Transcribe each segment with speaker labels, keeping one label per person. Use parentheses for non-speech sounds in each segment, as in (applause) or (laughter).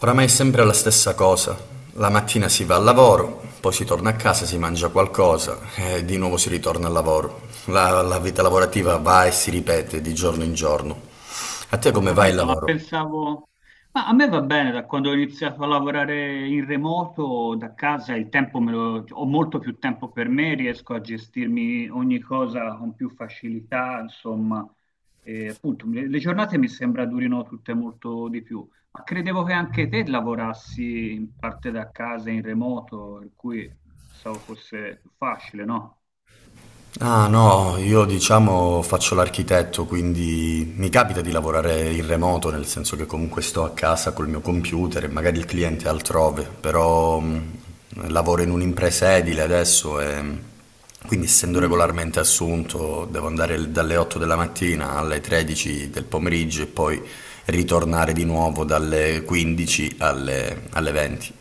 Speaker 1: Oramai è sempre la stessa cosa. La mattina si va al lavoro, poi si torna a casa, si mangia qualcosa e di nuovo si ritorna al lavoro. La vita lavorativa va e si ripete di giorno in giorno. A te
Speaker 2: Ho
Speaker 1: come va il
Speaker 2: capito, ma
Speaker 1: lavoro?
Speaker 2: pensavo. Ma a me va bene, da quando ho iniziato a lavorare in remoto, da casa, il tempo ho molto più tempo per me, riesco a gestirmi ogni cosa con più facilità, insomma. E, appunto, le giornate mi sembra durino tutte molto di più. Ma credevo che anche te lavorassi in parte da casa, in remoto, per cui pensavo fosse più facile, no?
Speaker 1: Ah no, io diciamo faccio l'architetto, quindi mi capita di lavorare in remoto, nel senso che comunque sto a casa col mio computer e magari il cliente è altrove, però lavoro in un'impresa edile adesso e quindi essendo
Speaker 2: Mm.
Speaker 1: regolarmente assunto devo andare dalle 8 della mattina alle 13 del pomeriggio e poi ritornare di nuovo dalle 15 alle 20.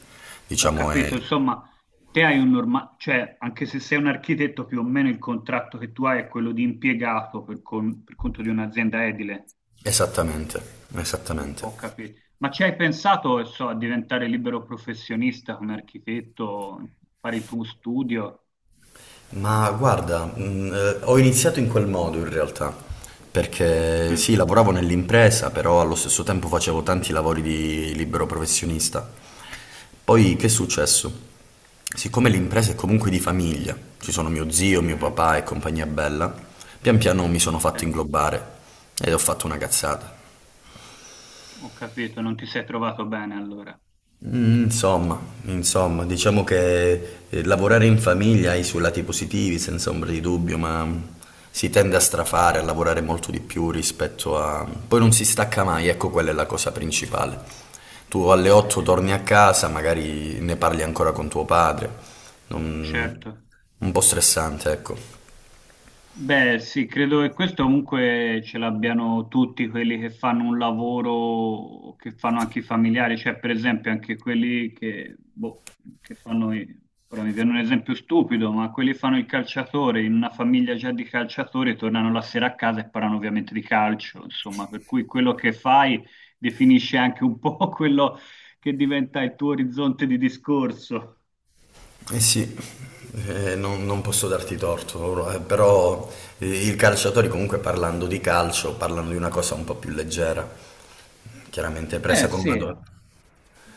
Speaker 2: Ho
Speaker 1: Diciamo è
Speaker 2: capito, insomma, te hai un normale, cioè anche se sei un architetto, più o meno il contratto che tu hai è quello di impiegato per conto di un'azienda edile.
Speaker 1: esattamente, esattamente.
Speaker 2: Ho capito. Ma ci hai pensato, so, a diventare libero professionista come architetto, fare il tuo studio?
Speaker 1: Ma guarda, ho iniziato in quel modo in realtà, perché
Speaker 2: Mm.
Speaker 1: sì, lavoravo nell'impresa, però allo stesso tempo facevo tanti lavori di libero professionista. Poi che è successo? Siccome l'impresa è comunque di famiglia, ci sono mio zio, mio
Speaker 2: Mm.
Speaker 1: papà e compagnia bella, pian piano mi sono fatto
Speaker 2: Sì,
Speaker 1: inglobare ed ho fatto una cazzata.
Speaker 2: ho capito, non ti sei trovato bene allora.
Speaker 1: Mm, insomma, diciamo che lavorare in famiglia ha i suoi lati positivi, senza ombra di dubbio, ma si tende a strafare, a lavorare molto di più rispetto a... Poi non si stacca mai, ecco quella è la cosa principale. Tu alle 8 torni a casa, magari ne parli ancora con tuo padre, non-
Speaker 2: Certo.
Speaker 1: un po' stressante, ecco.
Speaker 2: Beh, sì, credo che questo comunque ce l'abbiano tutti quelli che fanno un lavoro, o che fanno anche i familiari, cioè per esempio anche quelli che, boh, che fanno, ora mi viene un esempio stupido, ma quelli che fanno il calciatore in una famiglia già di calciatori tornano la sera a casa e parlano ovviamente di calcio, insomma, per cui quello che fai definisce anche un po' (laughs) quello che diventa il tuo orizzonte di discorso.
Speaker 1: Eh sì, non posso darti torto, però i calciatori comunque parlando di calcio, parlano di una cosa un po' più leggera. Chiaramente presa
Speaker 2: Eh
Speaker 1: con una
Speaker 2: sì.
Speaker 1: donna.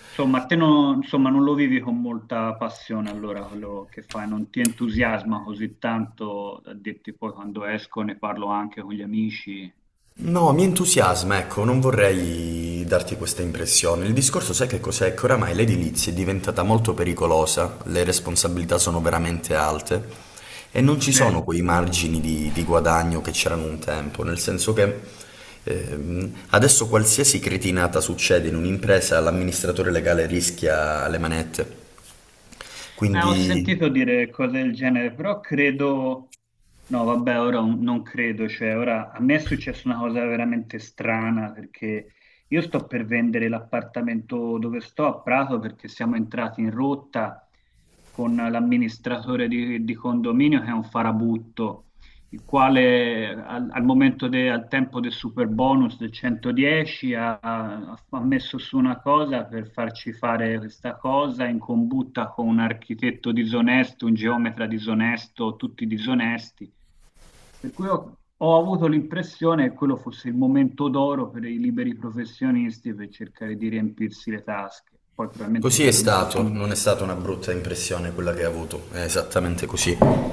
Speaker 2: Insomma, a te non, insomma, non lo vivi con molta passione allora quello che fai, non ti entusiasma così tanto da dirti poi quando esco ne parlo anche con gli amici.
Speaker 1: No, mi entusiasma, ecco, non vorrei darti questa impressione. Il discorso, sai che cos'è? Che oramai l'edilizia è diventata molto pericolosa, le responsabilità sono veramente alte e non ci
Speaker 2: Sì,
Speaker 1: sono quei margini di guadagno che c'erano un tempo, nel senso che adesso qualsiasi cretinata succede in un'impresa, l'amministratore legale rischia le manette.
Speaker 2: ma ho
Speaker 1: Quindi
Speaker 2: sentito dire cose del genere, però credo, no vabbè, ora non credo, cioè ora a me è successa una cosa veramente strana perché io sto per vendere l'appartamento dove sto a Prato perché siamo entrati in rotta con l'amministratore di condominio che è un farabutto. Il quale al tempo del super bonus del 110 ha messo su una cosa per farci fare questa cosa in combutta con un architetto disonesto, un geometra disonesto, tutti disonesti. Per cui ho avuto l'impressione che quello fosse il momento d'oro per i liberi professionisti per cercare di riempirsi le tasche. Poi probabilmente
Speaker 1: così
Speaker 2: il
Speaker 1: è
Speaker 2: momento
Speaker 1: stato, non è
Speaker 2: finisce.
Speaker 1: stata una brutta impressione quella che hai avuto, è esattamente così.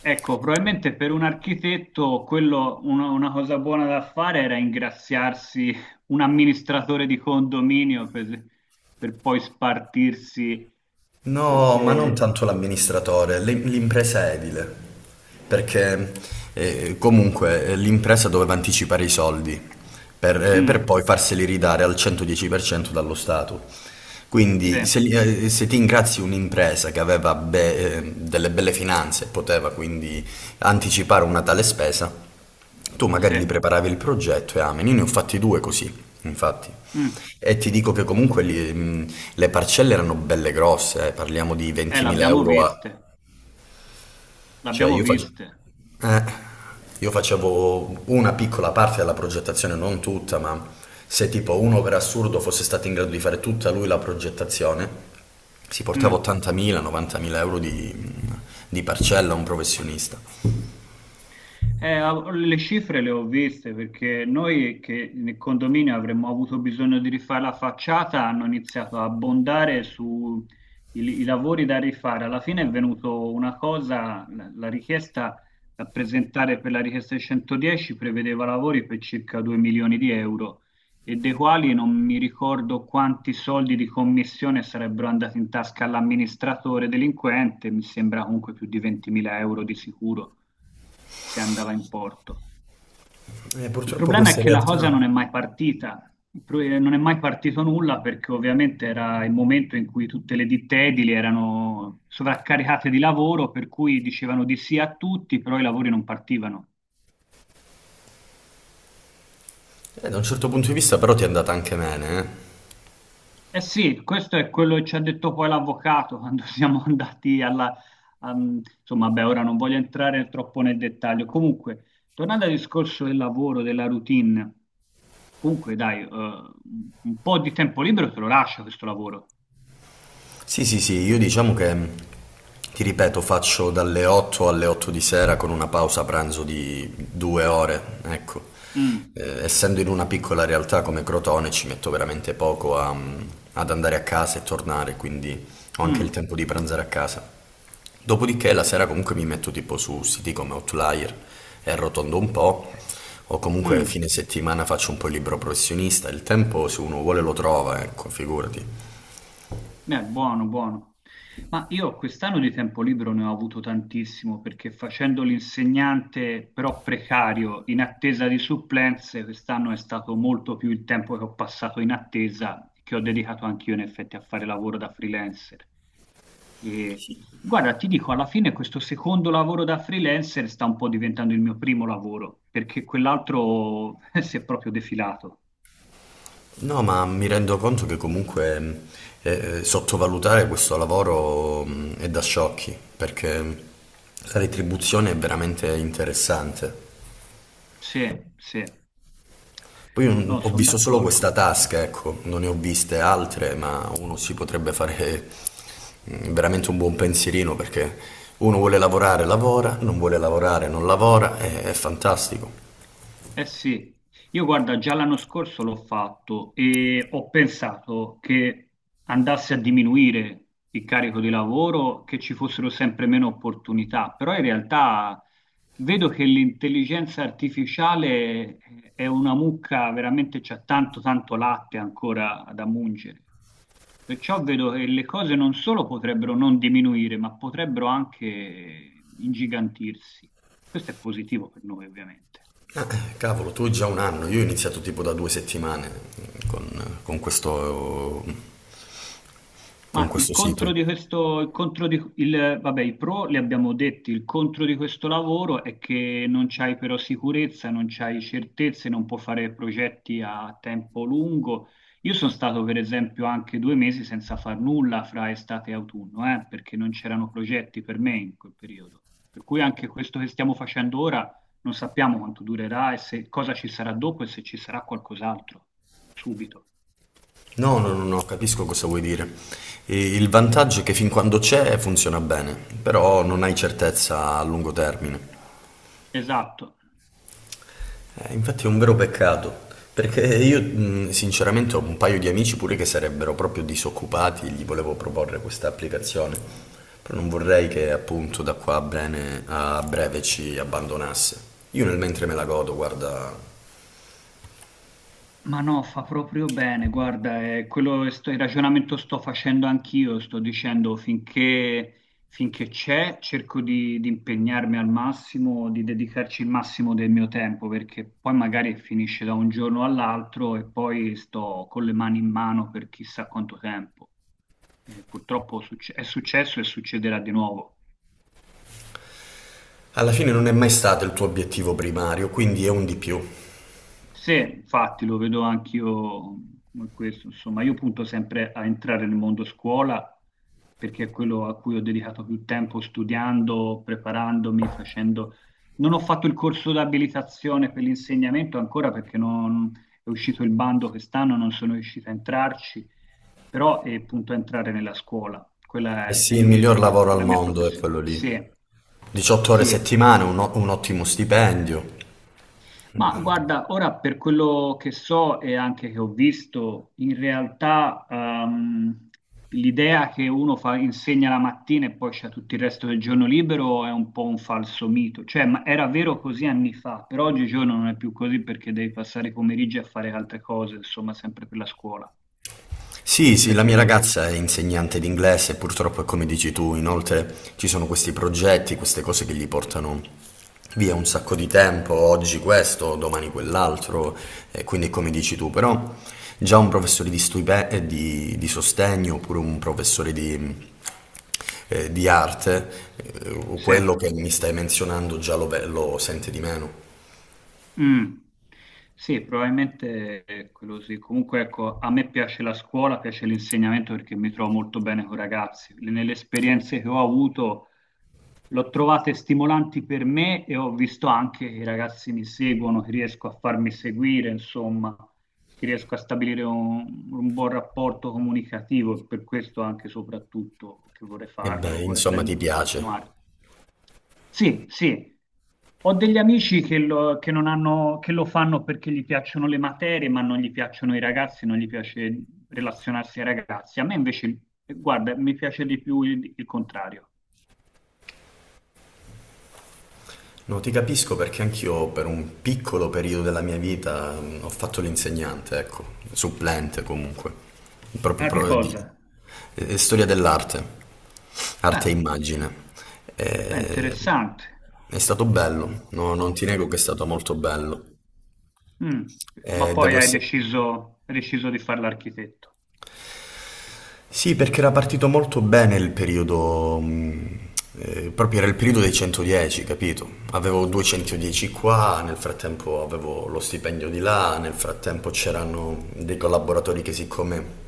Speaker 2: Ecco, probabilmente per un architetto quello, una cosa buona da fare era ingraziarsi un amministratore di condominio per poi spartirsi
Speaker 1: No, ma non
Speaker 2: queste.
Speaker 1: tanto l'amministratore, l'impresa edile, perché comunque l'impresa doveva anticipare i soldi per
Speaker 2: Mm.
Speaker 1: poi farseli ridare al 110% dallo Stato.
Speaker 2: Sì,
Speaker 1: Quindi se ti ingrazi un'impresa che aveva delle belle finanze e poteva quindi anticipare una tale spesa, tu magari
Speaker 2: sì.
Speaker 1: li preparavi il progetto e amen. Io ne ho fatti due così, infatti.
Speaker 2: Mm.
Speaker 1: E ti dico che comunque le parcelle erano belle grosse, eh. Parliamo di 20.000
Speaker 2: L'abbiamo
Speaker 1: euro a...
Speaker 2: viste,
Speaker 1: Cioè
Speaker 2: l'abbiamo
Speaker 1: io facevo...
Speaker 2: viste.
Speaker 1: io facevo una piccola parte della progettazione, non tutta, ma se tipo uno per assurdo fosse stato in grado di fare tutta lui la progettazione, si portava
Speaker 2: Mm.
Speaker 1: 80.000, 90.000 euro di parcella a un professionista.
Speaker 2: Le cifre le ho viste perché noi che nel condominio avremmo avuto bisogno di rifare la facciata, hanno iniziato a abbondare sui i lavori da rifare. Alla fine è venuto una cosa, la richiesta da presentare per la richiesta di 110 prevedeva lavori per circa 2 milioni di euro e dei quali non mi ricordo quanti soldi di commissione sarebbero andati in tasca all'amministratore delinquente, mi sembra comunque più di 20.000 euro di sicuro se andava in porto.
Speaker 1: E
Speaker 2: Il
Speaker 1: purtroppo
Speaker 2: problema è
Speaker 1: queste
Speaker 2: che la
Speaker 1: realtà...
Speaker 2: cosa non è mai partita, non è mai partito nulla perché ovviamente era il momento in cui tutte le ditte edili erano sovraccaricate di lavoro, per cui dicevano di sì a tutti, però i lavori non partivano.
Speaker 1: Da un certo punto di vista però ti è andata anche bene, eh.
Speaker 2: Eh sì, questo è quello che ci ha detto poi l'avvocato quando (laughs) siamo andati alla... am- insomma, beh, ora non voglio entrare troppo nel dettaglio. Comunque, tornando al discorso del lavoro, della routine, comunque dai, un po' di tempo libero te lo lascia questo lavoro.
Speaker 1: Sì, sì, sì, io diciamo che, ti ripeto, faccio dalle 8 alle 8 di sera con una pausa pranzo di due ore, ecco.
Speaker 2: Mm.
Speaker 1: Essendo in una piccola realtà come Crotone ci metto veramente ad andare a casa e tornare, quindi ho anche il
Speaker 2: Mm.
Speaker 1: tempo di pranzare a casa. Dopodiché la sera comunque mi metto tipo su siti come Outlier e arrotondo un po', o comunque
Speaker 2: Mm.
Speaker 1: fine settimana faccio un po' il libro professionista, il tempo se uno vuole lo trova, ecco, figurati.
Speaker 2: Buono, buono. Ma io quest'anno di tempo libero ne ho avuto tantissimo perché facendo l'insegnante però precario in attesa di supplenze, quest'anno è stato molto più il tempo che ho passato in attesa, che ho dedicato anch'io in effetti a fare lavoro da freelancer. E, guarda, ti dico, alla fine questo secondo lavoro da freelancer sta un po' diventando il mio primo lavoro, perché quell'altro (laughs) si è proprio defilato.
Speaker 1: No, ma mi rendo conto che comunque eh, sottovalutare questo lavoro è da sciocchi, perché la retribuzione è veramente interessante.
Speaker 2: Sì, sì. No,
Speaker 1: Ho
Speaker 2: sono
Speaker 1: visto solo questa
Speaker 2: d'accordo.
Speaker 1: tasca, ecco, non ne ho viste altre, ma uno si potrebbe fare veramente un buon pensierino perché uno vuole lavorare, lavora, non vuole lavorare, non lavora, è fantastico.
Speaker 2: Eh sì, io guarda, già l'anno scorso l'ho fatto e ho pensato che andasse a diminuire il carico di lavoro, che ci fossero sempre meno opportunità, però in realtà vedo che l'intelligenza artificiale è una mucca, veramente c'è tanto tanto latte ancora da mungere. Perciò vedo che le cose non solo potrebbero non diminuire, ma potrebbero anche ingigantirsi. Questo è positivo per noi, ovviamente.
Speaker 1: Cavolo, tu già un anno, io ho iniziato tipo da due settimane mm, con, con questo, con
Speaker 2: Ma il
Speaker 1: questo sito.
Speaker 2: contro di questo, il contro di, il, vabbè, i pro li abbiamo detti, il contro di questo lavoro è che non c'hai però sicurezza, non c'hai certezze, non puoi fare progetti a tempo lungo. Io sono stato per esempio anche due mesi senza far nulla fra estate e autunno, perché non c'erano progetti per me in quel periodo. Per cui anche questo che stiamo facendo ora non sappiamo quanto durerà e se, cosa ci sarà dopo e se ci sarà qualcos'altro subito.
Speaker 1: No, no, no, no, capisco cosa vuoi dire. E il vantaggio è che fin quando c'è funziona bene, però non hai certezza a lungo termine.
Speaker 2: Esatto.
Speaker 1: Infatti è un vero peccato, perché io sinceramente ho un paio di amici pure che sarebbero proprio disoccupati, e gli volevo proporre questa applicazione, però non vorrei che appunto da qua a breve ci abbandonasse. Io nel mentre me la godo, guarda,
Speaker 2: Ma no, fa proprio bene, guarda, è quello, il ragionamento sto facendo anch'io, sto dicendo finché, finché c'è cerco di impegnarmi al massimo, di dedicarci il massimo del mio tempo, perché poi magari finisce da un giorno all'altro e poi sto con le mani in mano per chissà quanto tempo. E purtroppo è successo e succederà di nuovo.
Speaker 1: alla fine non è mai stato il tuo obiettivo primario, quindi è un di più.
Speaker 2: Sì, infatti lo vedo anch'io come questo, insomma, io punto sempre a entrare nel mondo scuola perché è quello a cui ho dedicato più tempo studiando, preparandomi, facendo. Non ho fatto il corso di abilitazione per l'insegnamento ancora perché non è uscito il bando quest'anno, non sono riuscito a entrarci, però punto a entrare nella scuola, quello
Speaker 1: E
Speaker 2: è
Speaker 1: sì,
Speaker 2: il
Speaker 1: il
Speaker 2: mio
Speaker 1: miglior
Speaker 2: obiettivo,
Speaker 1: lavoro
Speaker 2: è
Speaker 1: al
Speaker 2: la mia
Speaker 1: mondo è
Speaker 2: professione.
Speaker 1: quello
Speaker 2: Sì,
Speaker 1: lì. 18 ore a
Speaker 2: sì.
Speaker 1: settimana, un ottimo stipendio.
Speaker 2: Ma guarda, ora per quello che so e anche che ho visto, in realtà l'idea che uno insegna la mattina e poi c'è tutto il resto del giorno libero è un po' un falso mito. Cioè, ma era vero così anni fa, però oggigiorno non è più così perché devi passare i pomeriggi a fare altre cose, insomma, sempre per la scuola.
Speaker 1: Sì, sì,
Speaker 2: Questo è
Speaker 1: la mia
Speaker 2: quello.
Speaker 1: ragazza è insegnante di inglese, purtroppo è come dici tu, inoltre ci sono questi progetti, queste cose che gli portano via un sacco di tempo, oggi questo, domani quell'altro, e quindi è come dici tu, però già un professore di sostegno oppure un professore di arte,
Speaker 2: Sì.
Speaker 1: quello che mi stai menzionando già lo sente di meno.
Speaker 2: Mm. Sì, probabilmente ecco, è quello sì. Comunque, ecco, a me piace la scuola, piace l'insegnamento perché mi trovo molto bene con i ragazzi. Nelle esperienze che ho avuto, l'ho trovate stimolanti per me e ho visto anche che i ragazzi mi seguono, che riesco a farmi seguire, insomma, che riesco a stabilire un buon rapporto comunicativo. E per questo anche e soprattutto che vorrei
Speaker 1: E
Speaker 2: farlo,
Speaker 1: beh,
Speaker 2: vorrei
Speaker 1: insomma, ti
Speaker 2: prendere, vorrei
Speaker 1: piace.
Speaker 2: continuare. Sì, sì. Ho degli amici che lo, che non hanno- che lo fanno perché gli piacciono le materie, ma non gli piacciono i ragazzi, non gli piace relazionarsi ai ragazzi. A me invece, guarda, mi piace di più il contrario.
Speaker 1: No, ti capisco perché anch'io per un piccolo periodo della mia vita ho fatto l'insegnante, ecco, supplente comunque, proprio
Speaker 2: Ah, di
Speaker 1: pro- di
Speaker 2: cosa?
Speaker 1: storia dell'arte, arte e
Speaker 2: Beh,
Speaker 1: immagine.
Speaker 2: beh,
Speaker 1: Eh,
Speaker 2: interessante.
Speaker 1: è stato bello, no, non ti nego che è stato molto bello.
Speaker 2: Mm. Ma poi
Speaker 1: Devo essere...
Speaker 2: hai deciso di fare l'architetto.
Speaker 1: Sì, perché era partito molto bene il periodo, proprio era il periodo dei 110, capito? Avevo 210 qua, nel frattempo avevo lo stipendio di là, nel frattempo c'erano dei collaboratori che siccome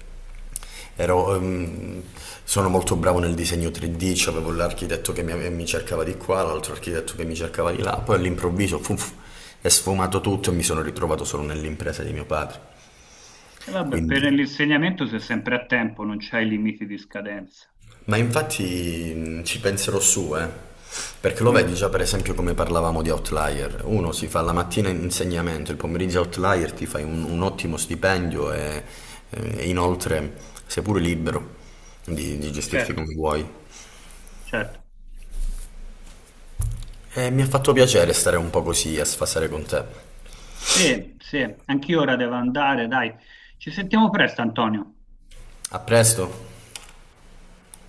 Speaker 1: ero, ehm, sono molto bravo nel disegno 3D, cioè avevo l'architetto che mi cercava di qua, l'altro architetto che mi cercava di là, poi all'improvviso fuf, è sfumato tutto e mi sono ritrovato solo nell'impresa di mio padre.
Speaker 2: E vabbè, per
Speaker 1: Quindi...
Speaker 2: l'insegnamento sei sempre a tempo, non c'hai limiti di scadenza.
Speaker 1: Ma infatti ci penserò su, eh. Perché lo vedi
Speaker 2: Mm.
Speaker 1: già per esempio come parlavamo di outlier. Uno si fa la mattina in insegnamento, il pomeriggio outlier ti fai un ottimo stipendio e inoltre sei pure libero di gestirti
Speaker 2: Certo,
Speaker 1: come vuoi.
Speaker 2: certo.
Speaker 1: E mi ha fatto piacere stare un po' così a sfasare con te.
Speaker 2: Sì, sì, anch'io ora devo andare, dai. Ci sentiamo presto, Antonio.
Speaker 1: A presto!